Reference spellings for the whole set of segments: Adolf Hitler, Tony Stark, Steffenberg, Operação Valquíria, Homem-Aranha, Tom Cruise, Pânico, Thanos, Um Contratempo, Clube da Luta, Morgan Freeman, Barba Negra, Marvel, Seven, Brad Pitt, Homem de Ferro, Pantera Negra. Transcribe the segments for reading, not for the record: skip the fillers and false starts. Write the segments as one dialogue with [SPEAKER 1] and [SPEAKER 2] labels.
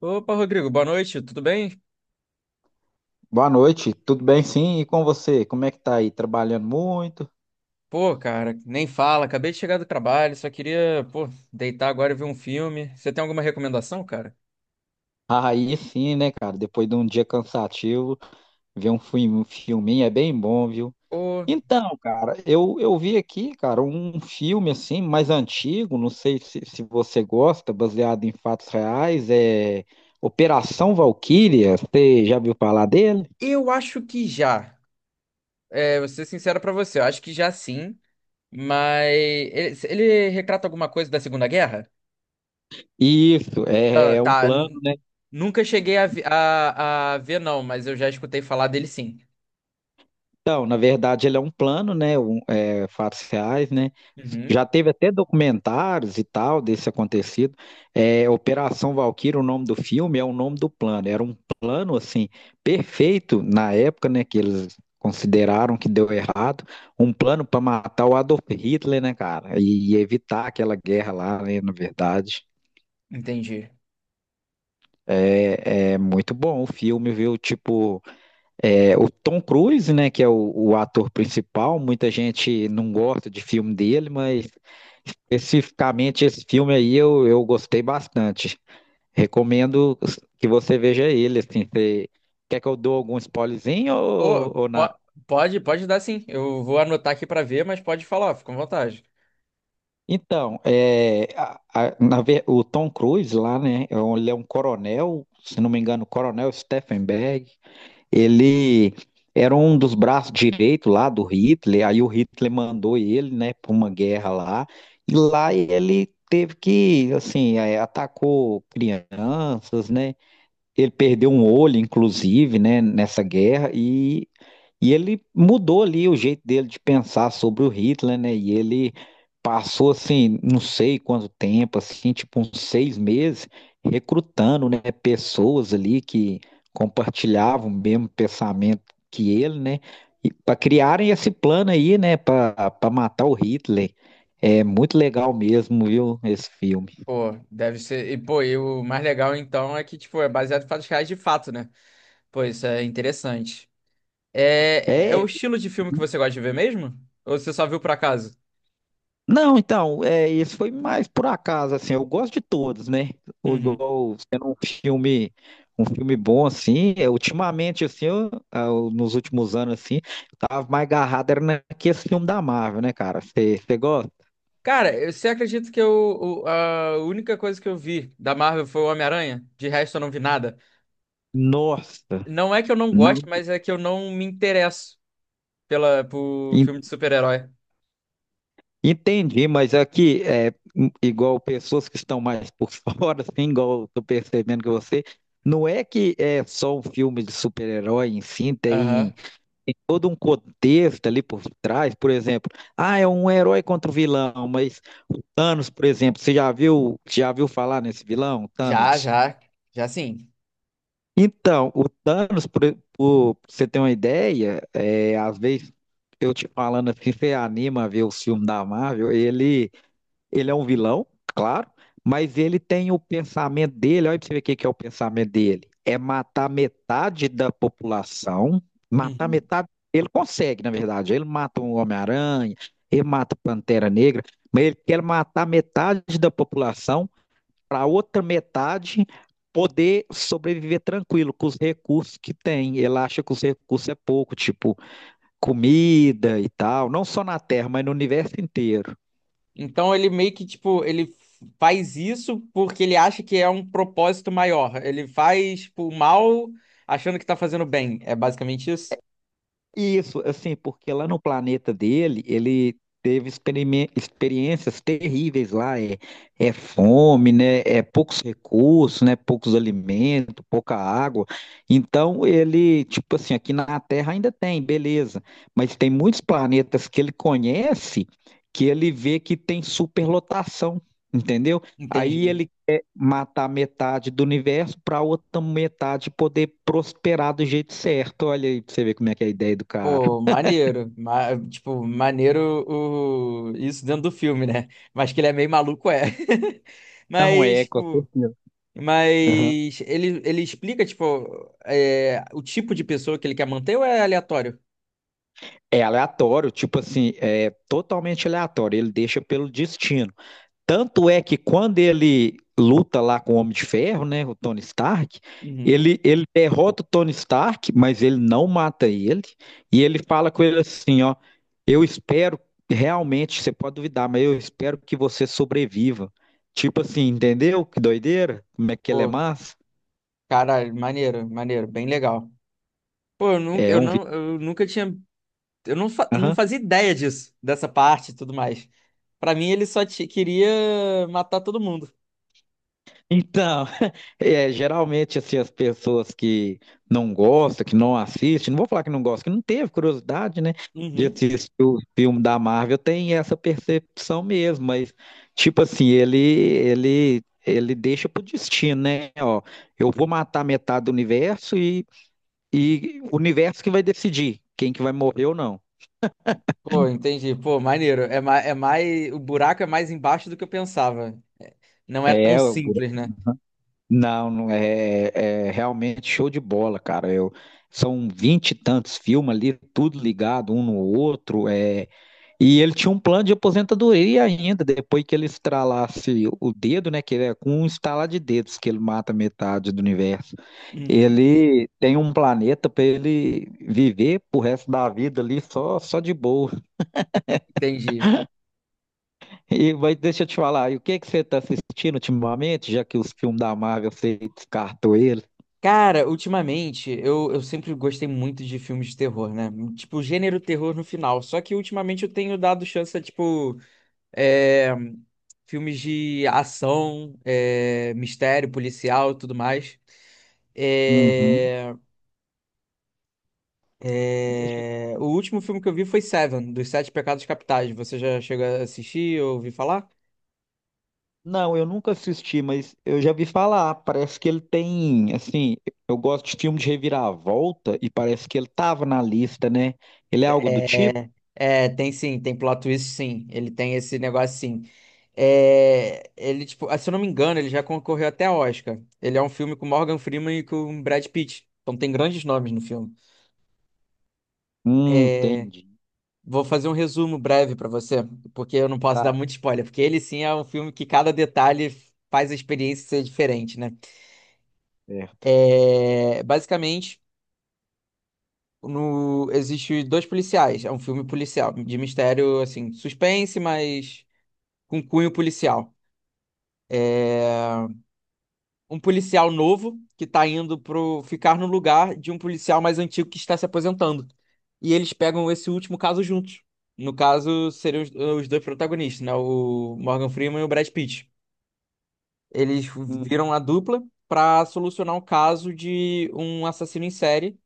[SPEAKER 1] Opa, Rodrigo, boa noite, tudo bem?
[SPEAKER 2] Boa noite, tudo bem sim? E com você? Como é que tá aí? Trabalhando muito?
[SPEAKER 1] Pô, cara, nem fala, acabei de chegar do trabalho, só queria, pô, deitar agora e ver um filme. Você tem alguma recomendação, cara?
[SPEAKER 2] Aí sim, né, cara? Depois de um dia cansativo, ver um filminho é bem bom, viu?
[SPEAKER 1] Pô,
[SPEAKER 2] Então, cara, eu vi aqui, cara, um filme assim, mais antigo, não sei se você gosta, baseado em fatos reais, é Operação Valquíria. Você já viu falar dele?
[SPEAKER 1] eu acho que já. É, vou ser sincero pra você, eu acho que já sim, mas ele retrata alguma coisa da Segunda Guerra?
[SPEAKER 2] Isso, é
[SPEAKER 1] Ah,
[SPEAKER 2] é um
[SPEAKER 1] tá,
[SPEAKER 2] plano.
[SPEAKER 1] nunca cheguei a ver não, mas eu já escutei falar dele sim.
[SPEAKER 2] Então, na verdade, ele é um plano, né? Fatos reais, né?
[SPEAKER 1] Uhum,
[SPEAKER 2] Já teve até documentários e tal desse acontecido. É, Operação Valquíria, o nome do filme, é o nome do plano. Era um plano, assim, perfeito na época, né? Que eles consideraram que deu errado. Um plano para matar o Adolf Hitler, né, cara? E evitar aquela guerra lá, né? Na verdade.
[SPEAKER 1] entendi.
[SPEAKER 2] É, é muito bom o filme, viu? Tipo. É, o Tom Cruise, né, que é o ator principal, muita gente não gosta de filme dele, mas especificamente esse filme aí eu gostei bastante. Recomendo que você veja ele, assim, quer que eu dou algum spoilerzinho
[SPEAKER 1] Pô,
[SPEAKER 2] ou nada?
[SPEAKER 1] pode dar sim, eu vou anotar aqui pra ver, mas pode falar, fica à vontade.
[SPEAKER 2] Então, é, o Tom Cruise lá, né, ele é um coronel, se não me engano, coronel Steffenberg. Ele era um dos braços direitos lá do Hitler, aí o Hitler mandou ele, né, para uma guerra lá, e lá ele teve que, assim, é, atacou crianças, né? Ele perdeu um olho, inclusive, né, nessa guerra, e ele mudou ali o jeito dele de pensar sobre o Hitler, né? E ele passou, assim, não sei quanto tempo, assim, tipo uns 6 meses, recrutando, né, pessoas ali que compartilhavam o mesmo pensamento que ele, né? E para criarem esse plano aí, né, para matar o Hitler. É muito legal mesmo, viu, esse filme.
[SPEAKER 1] Pô, deve ser. E, pô, e o mais legal então é que, tipo, é baseado em fatos reais de fato, né? Pô, isso é interessante. É, é
[SPEAKER 2] É.
[SPEAKER 1] o estilo de filme que você gosta de ver mesmo? Ou você só viu por acaso?
[SPEAKER 2] Não, então, é, esse foi mais por acaso, assim, eu gosto de todos, né? O,
[SPEAKER 1] Uhum.
[SPEAKER 2] igual sendo um filme bom, assim, é, ultimamente, assim, eu, ah, nos últimos anos, assim, eu tava mais agarrado, era naquele filme da Marvel, né, cara? Você gosta?
[SPEAKER 1] Cara, você acredita que eu, a única coisa que eu vi da Marvel foi o Homem-Aranha? De resto, eu não vi nada.
[SPEAKER 2] Nossa,
[SPEAKER 1] Não é que eu não goste,
[SPEAKER 2] não.
[SPEAKER 1] mas é que eu não me interesso por
[SPEAKER 2] en-
[SPEAKER 1] filme de super-herói.
[SPEAKER 2] Entendi, mas aqui, é, igual pessoas que estão mais por fora, assim, igual eu tô percebendo que você, não é que é só um filme de super-herói em si,
[SPEAKER 1] Aham.
[SPEAKER 2] tem todo um contexto ali por trás, por exemplo, ah, é um herói contra o vilão, mas o Thanos, por exemplo, você já viu falar nesse vilão,
[SPEAKER 1] Já,
[SPEAKER 2] Thanos?
[SPEAKER 1] já. Já sim.
[SPEAKER 2] Então, o Thanos, pra você ter uma ideia, é, às vezes eu te falando assim, você anima a ver o filme da Marvel, ele é um vilão, claro, mas ele tem o pensamento dele. Olha pra você ver o que que é o pensamento dele. É matar metade da população. Matar
[SPEAKER 1] Uhum.
[SPEAKER 2] metade. Ele consegue, na verdade. Ele mata um Homem-Aranha, ele mata o Pantera Negra, mas ele quer matar metade da população para outra metade poder sobreviver tranquilo com os recursos que tem. Ele acha que os recursos é pouco, tipo comida e tal, não só na Terra, mas no universo inteiro.
[SPEAKER 1] Então ele meio que tipo, ele faz isso porque ele acha que é um propósito maior. Ele faz tipo, o mal achando que tá fazendo bem. É basicamente isso?
[SPEAKER 2] Isso, assim, porque lá no planeta dele, ele teve experiências terríveis lá, é, é fome, né, é poucos recursos, né, poucos alimentos, pouca água. Então ele, tipo assim, aqui na Terra ainda tem, beleza, mas tem muitos planetas que ele conhece que ele vê que tem superlotação, entendeu? Aí
[SPEAKER 1] Entendi.
[SPEAKER 2] ele matar metade do universo para outra metade poder prosperar do jeito certo. Olha aí pra você ver como é que é a ideia do cara.
[SPEAKER 1] Pô, maneiro. Tipo, maneiro isso dentro do filme, né? Mas que ele é meio maluco, é.
[SPEAKER 2] Não
[SPEAKER 1] Mas,
[SPEAKER 2] é, com
[SPEAKER 1] tipo,
[SPEAKER 2] certeza. Aham.
[SPEAKER 1] mas ele explica, tipo, o tipo de pessoa que ele quer manter ou é aleatório?
[SPEAKER 2] É aleatório, tipo assim, é totalmente aleatório. Ele deixa pelo destino. Tanto é que quando ele luta lá com o Homem de Ferro, né, o Tony Stark,
[SPEAKER 1] Uhum.
[SPEAKER 2] ele derrota o Tony Stark, mas ele não mata ele. E ele fala com ele assim, ó, eu espero realmente, você pode duvidar, mas eu espero que você sobreviva. Tipo assim, entendeu? Que doideira? Como é que ele é
[SPEAKER 1] Pô,
[SPEAKER 2] massa?
[SPEAKER 1] caralho, maneiro, maneiro, bem legal. Pô, eu nunca,
[SPEAKER 2] É
[SPEAKER 1] eu
[SPEAKER 2] um
[SPEAKER 1] não, eu nunca tinha. Eu não, fa- Não
[SPEAKER 2] vídeo.
[SPEAKER 1] fazia ideia disso, dessa parte e tudo mais. Pra mim, ele só queria matar todo mundo.
[SPEAKER 2] Então, é, geralmente assim, as pessoas que não gostam, que não assistem, não vou falar que não gostam, que não teve curiosidade, né, de
[SPEAKER 1] Uhum.
[SPEAKER 2] assistir o filme da Marvel, tem essa percepção mesmo, mas tipo assim, ele deixa pro destino, né? Ó, eu vou matar metade do universo e o universo que vai decidir quem que vai morrer ou não.
[SPEAKER 1] Pô, entendi. Pô, maneiro. É mais. O buraco é mais embaixo do que eu pensava. Não é tão
[SPEAKER 2] É.
[SPEAKER 1] simples, né?
[SPEAKER 2] Não, não é, é realmente show de bola, cara. Eu, são vinte e tantos filmes ali, tudo ligado um no outro. É, e ele tinha um plano de aposentadoria ainda, depois que ele estralasse o dedo, né? Que ele é com um estalar de dedos que ele mata metade do universo.
[SPEAKER 1] Uhum.
[SPEAKER 2] Ele tem um planeta para ele viver pro resto da vida ali só, só de boa.
[SPEAKER 1] Entendi.
[SPEAKER 2] E vai, deixa eu te falar, e o que que você está assistindo ultimamente, já que os filmes da Marvel você descartou ele?
[SPEAKER 1] Cara, ultimamente, eu sempre gostei muito de filmes de terror, né? Tipo, gênero terror no final. Só que ultimamente eu tenho dado chance a, tipo. é, filmes de ação, é, mistério, policial e tudo mais.
[SPEAKER 2] Uhum.
[SPEAKER 1] É,
[SPEAKER 2] Deixa...
[SPEAKER 1] é, o último filme que eu vi foi Seven, dos Sete Pecados Capitais. Você já chegou a assistir ou ouvir falar?
[SPEAKER 2] Não, eu nunca assisti, mas eu já vi falar. Parece que ele tem, assim, eu gosto de filme de reviravolta e parece que ele tava na lista, né? Ele é algo do tipo?
[SPEAKER 1] É, tem sim, tem plot twist sim. Ele tem esse negócio sim. É, tipo, ah, se eu não me engano, ele já concorreu até a Oscar. Ele é um filme com Morgan Freeman e com Brad Pitt. Então tem grandes nomes no filme.
[SPEAKER 2] Entendi.
[SPEAKER 1] Vou fazer um resumo breve pra você, porque eu não posso dar
[SPEAKER 2] Tá
[SPEAKER 1] muito spoiler, porque ele sim é um filme que cada detalhe faz a experiência ser diferente, né?
[SPEAKER 2] certo.
[SPEAKER 1] É, basicamente, no, existe dois policiais. É um filme policial, de mistério, assim, suspense, mas com cunho policial. Um policial novo que tá indo pro ficar no lugar de um policial mais antigo que está se aposentando. E eles pegam esse último caso juntos. No caso, seriam os dois protagonistas, né? O Morgan Freeman e o Brad Pitt. Eles
[SPEAKER 2] Hum.
[SPEAKER 1] viram a dupla para solucionar o caso de um assassino em série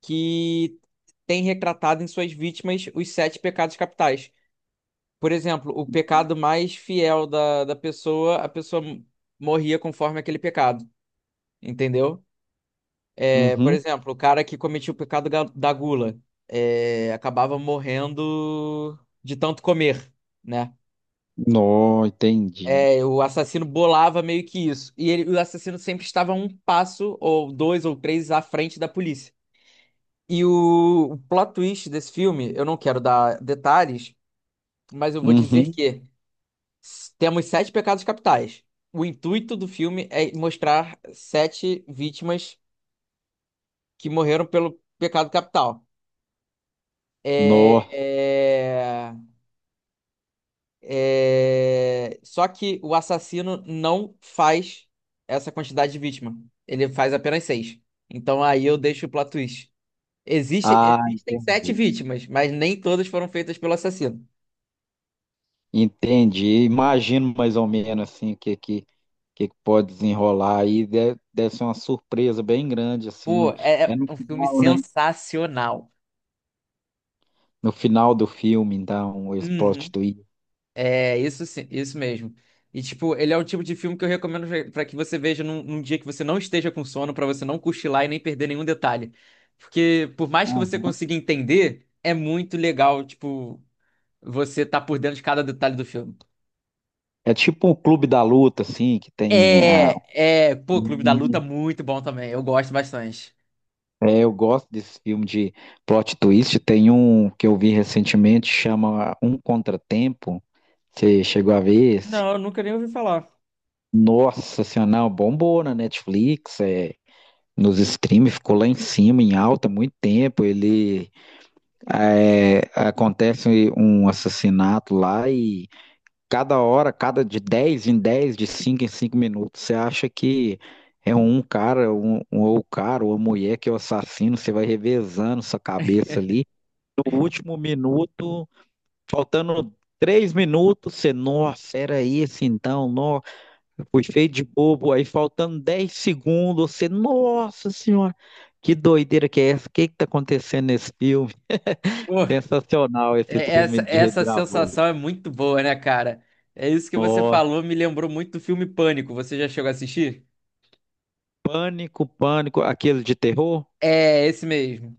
[SPEAKER 1] que tem retratado em suas vítimas os sete pecados capitais. Por exemplo, o pecado mais fiel da pessoa, a pessoa morria conforme aquele pecado, entendeu? É, por
[SPEAKER 2] Uhum.
[SPEAKER 1] exemplo, o cara que cometia o pecado da gula, acabava morrendo de tanto comer, né?
[SPEAKER 2] Nó, entendi.
[SPEAKER 1] É, o assassino bolava meio que isso. E o assassino sempre estava um passo, ou dois ou três, à frente da polícia. E o plot twist desse filme, eu não quero dar detalhes, mas eu vou dizer
[SPEAKER 2] Uhum.
[SPEAKER 1] que temos sete pecados capitais. O intuito do filme é mostrar sete vítimas que morreram pelo pecado capital. É,
[SPEAKER 2] Nó.
[SPEAKER 1] é, Só que o assassino não faz essa quantidade de vítima. Ele faz apenas seis. Então aí eu deixo o plot twist. Existe...
[SPEAKER 2] Ah,
[SPEAKER 1] Existem sete
[SPEAKER 2] entendi.
[SPEAKER 1] vítimas, mas nem todas foram feitas pelo assassino.
[SPEAKER 2] Entendi. Imagino mais ou menos assim o que que pode desenrolar aí. Deve ser uma surpresa bem grande assim
[SPEAKER 1] Pô,
[SPEAKER 2] no
[SPEAKER 1] é
[SPEAKER 2] é no
[SPEAKER 1] é um filme
[SPEAKER 2] final, né?
[SPEAKER 1] sensacional.
[SPEAKER 2] No final do filme, dá um
[SPEAKER 1] Uhum.
[SPEAKER 2] ex-prostituído.
[SPEAKER 1] É, isso sim, isso mesmo. E, tipo, ele é um tipo de filme que eu recomendo pra que você veja num dia que você não esteja com sono, pra você não cochilar e nem perder nenhum detalhe. Porque, por mais que você consiga entender, é muito legal, tipo, você tá por dentro de cada detalhe do filme.
[SPEAKER 2] É tipo um clube da luta, assim, que tem a...
[SPEAKER 1] Pô, Clube da Luta muito bom também. Eu gosto bastante.
[SPEAKER 2] Eu gosto desse filme de plot twist. Tem um que eu vi recentemente, chama Um Contratempo. Você chegou a ver esse?
[SPEAKER 1] Não, eu nunca nem ouvi falar.
[SPEAKER 2] Nossa Senhora, não, bombou na Netflix, é, nos streams, ficou lá em cima, em alta, muito tempo. Ele é, acontece um assassinato lá e cada hora, cada de 10 em 10 de 5 em 5 minutos. Você acha que é um cara, ou o cara, ou a mulher que é o assassino, você vai revezando sua cabeça ali. O último minuto, faltando 3 minutos, você, nossa, era esse então, nossa, fui feio de bobo. Aí faltando 10 segundos, você, nossa senhora, que doideira que é essa? O que que tá acontecendo nesse filme?
[SPEAKER 1] Pô,
[SPEAKER 2] Sensacional esse
[SPEAKER 1] é-
[SPEAKER 2] filme
[SPEAKER 1] essa,
[SPEAKER 2] de
[SPEAKER 1] essa
[SPEAKER 2] reviravolta.
[SPEAKER 1] sensação é muito boa, né, cara? É isso que você
[SPEAKER 2] Ó,
[SPEAKER 1] falou, me lembrou muito do filme Pânico. Você já chegou a assistir?
[SPEAKER 2] pânico, pânico, aquele de terror?
[SPEAKER 1] É, esse mesmo.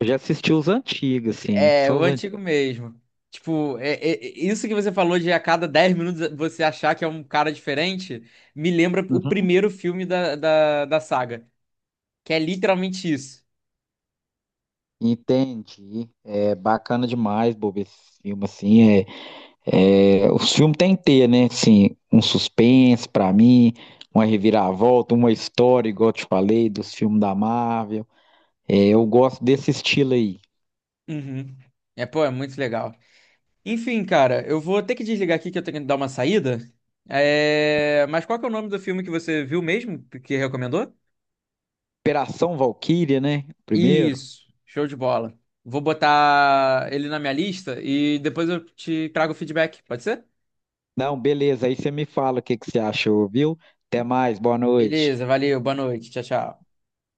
[SPEAKER 2] Eu já assisti os antigos, assim,
[SPEAKER 1] É,
[SPEAKER 2] só
[SPEAKER 1] o
[SPEAKER 2] os antigos.
[SPEAKER 1] antigo mesmo. Tipo, isso que você falou de a cada 10 minutos você achar que é um cara diferente, me lembra o primeiro filme da saga, que é literalmente isso.
[SPEAKER 2] Entendi. É bacana demais, Bob, esse filme, assim, é, os filmes tem que ter, né, assim, um suspense pra mim, uma reviravolta, uma história, igual eu te falei, dos filmes da Marvel. É, eu gosto desse estilo aí.
[SPEAKER 1] Uhum. É, pô, é muito legal. Enfim, cara, eu vou ter que desligar aqui que eu tenho que dar uma saída. Mas qual que é o nome do filme que você viu mesmo, que recomendou?
[SPEAKER 2] Operação Valkyria, né, primeiro?
[SPEAKER 1] Isso, show de bola. Vou botar ele na minha lista e depois eu te trago o feedback, pode ser?
[SPEAKER 2] Não, beleza, aí você me fala o que que você achou, viu? Até mais, boa noite.
[SPEAKER 1] Beleza, valeu, boa noite, tchau, tchau.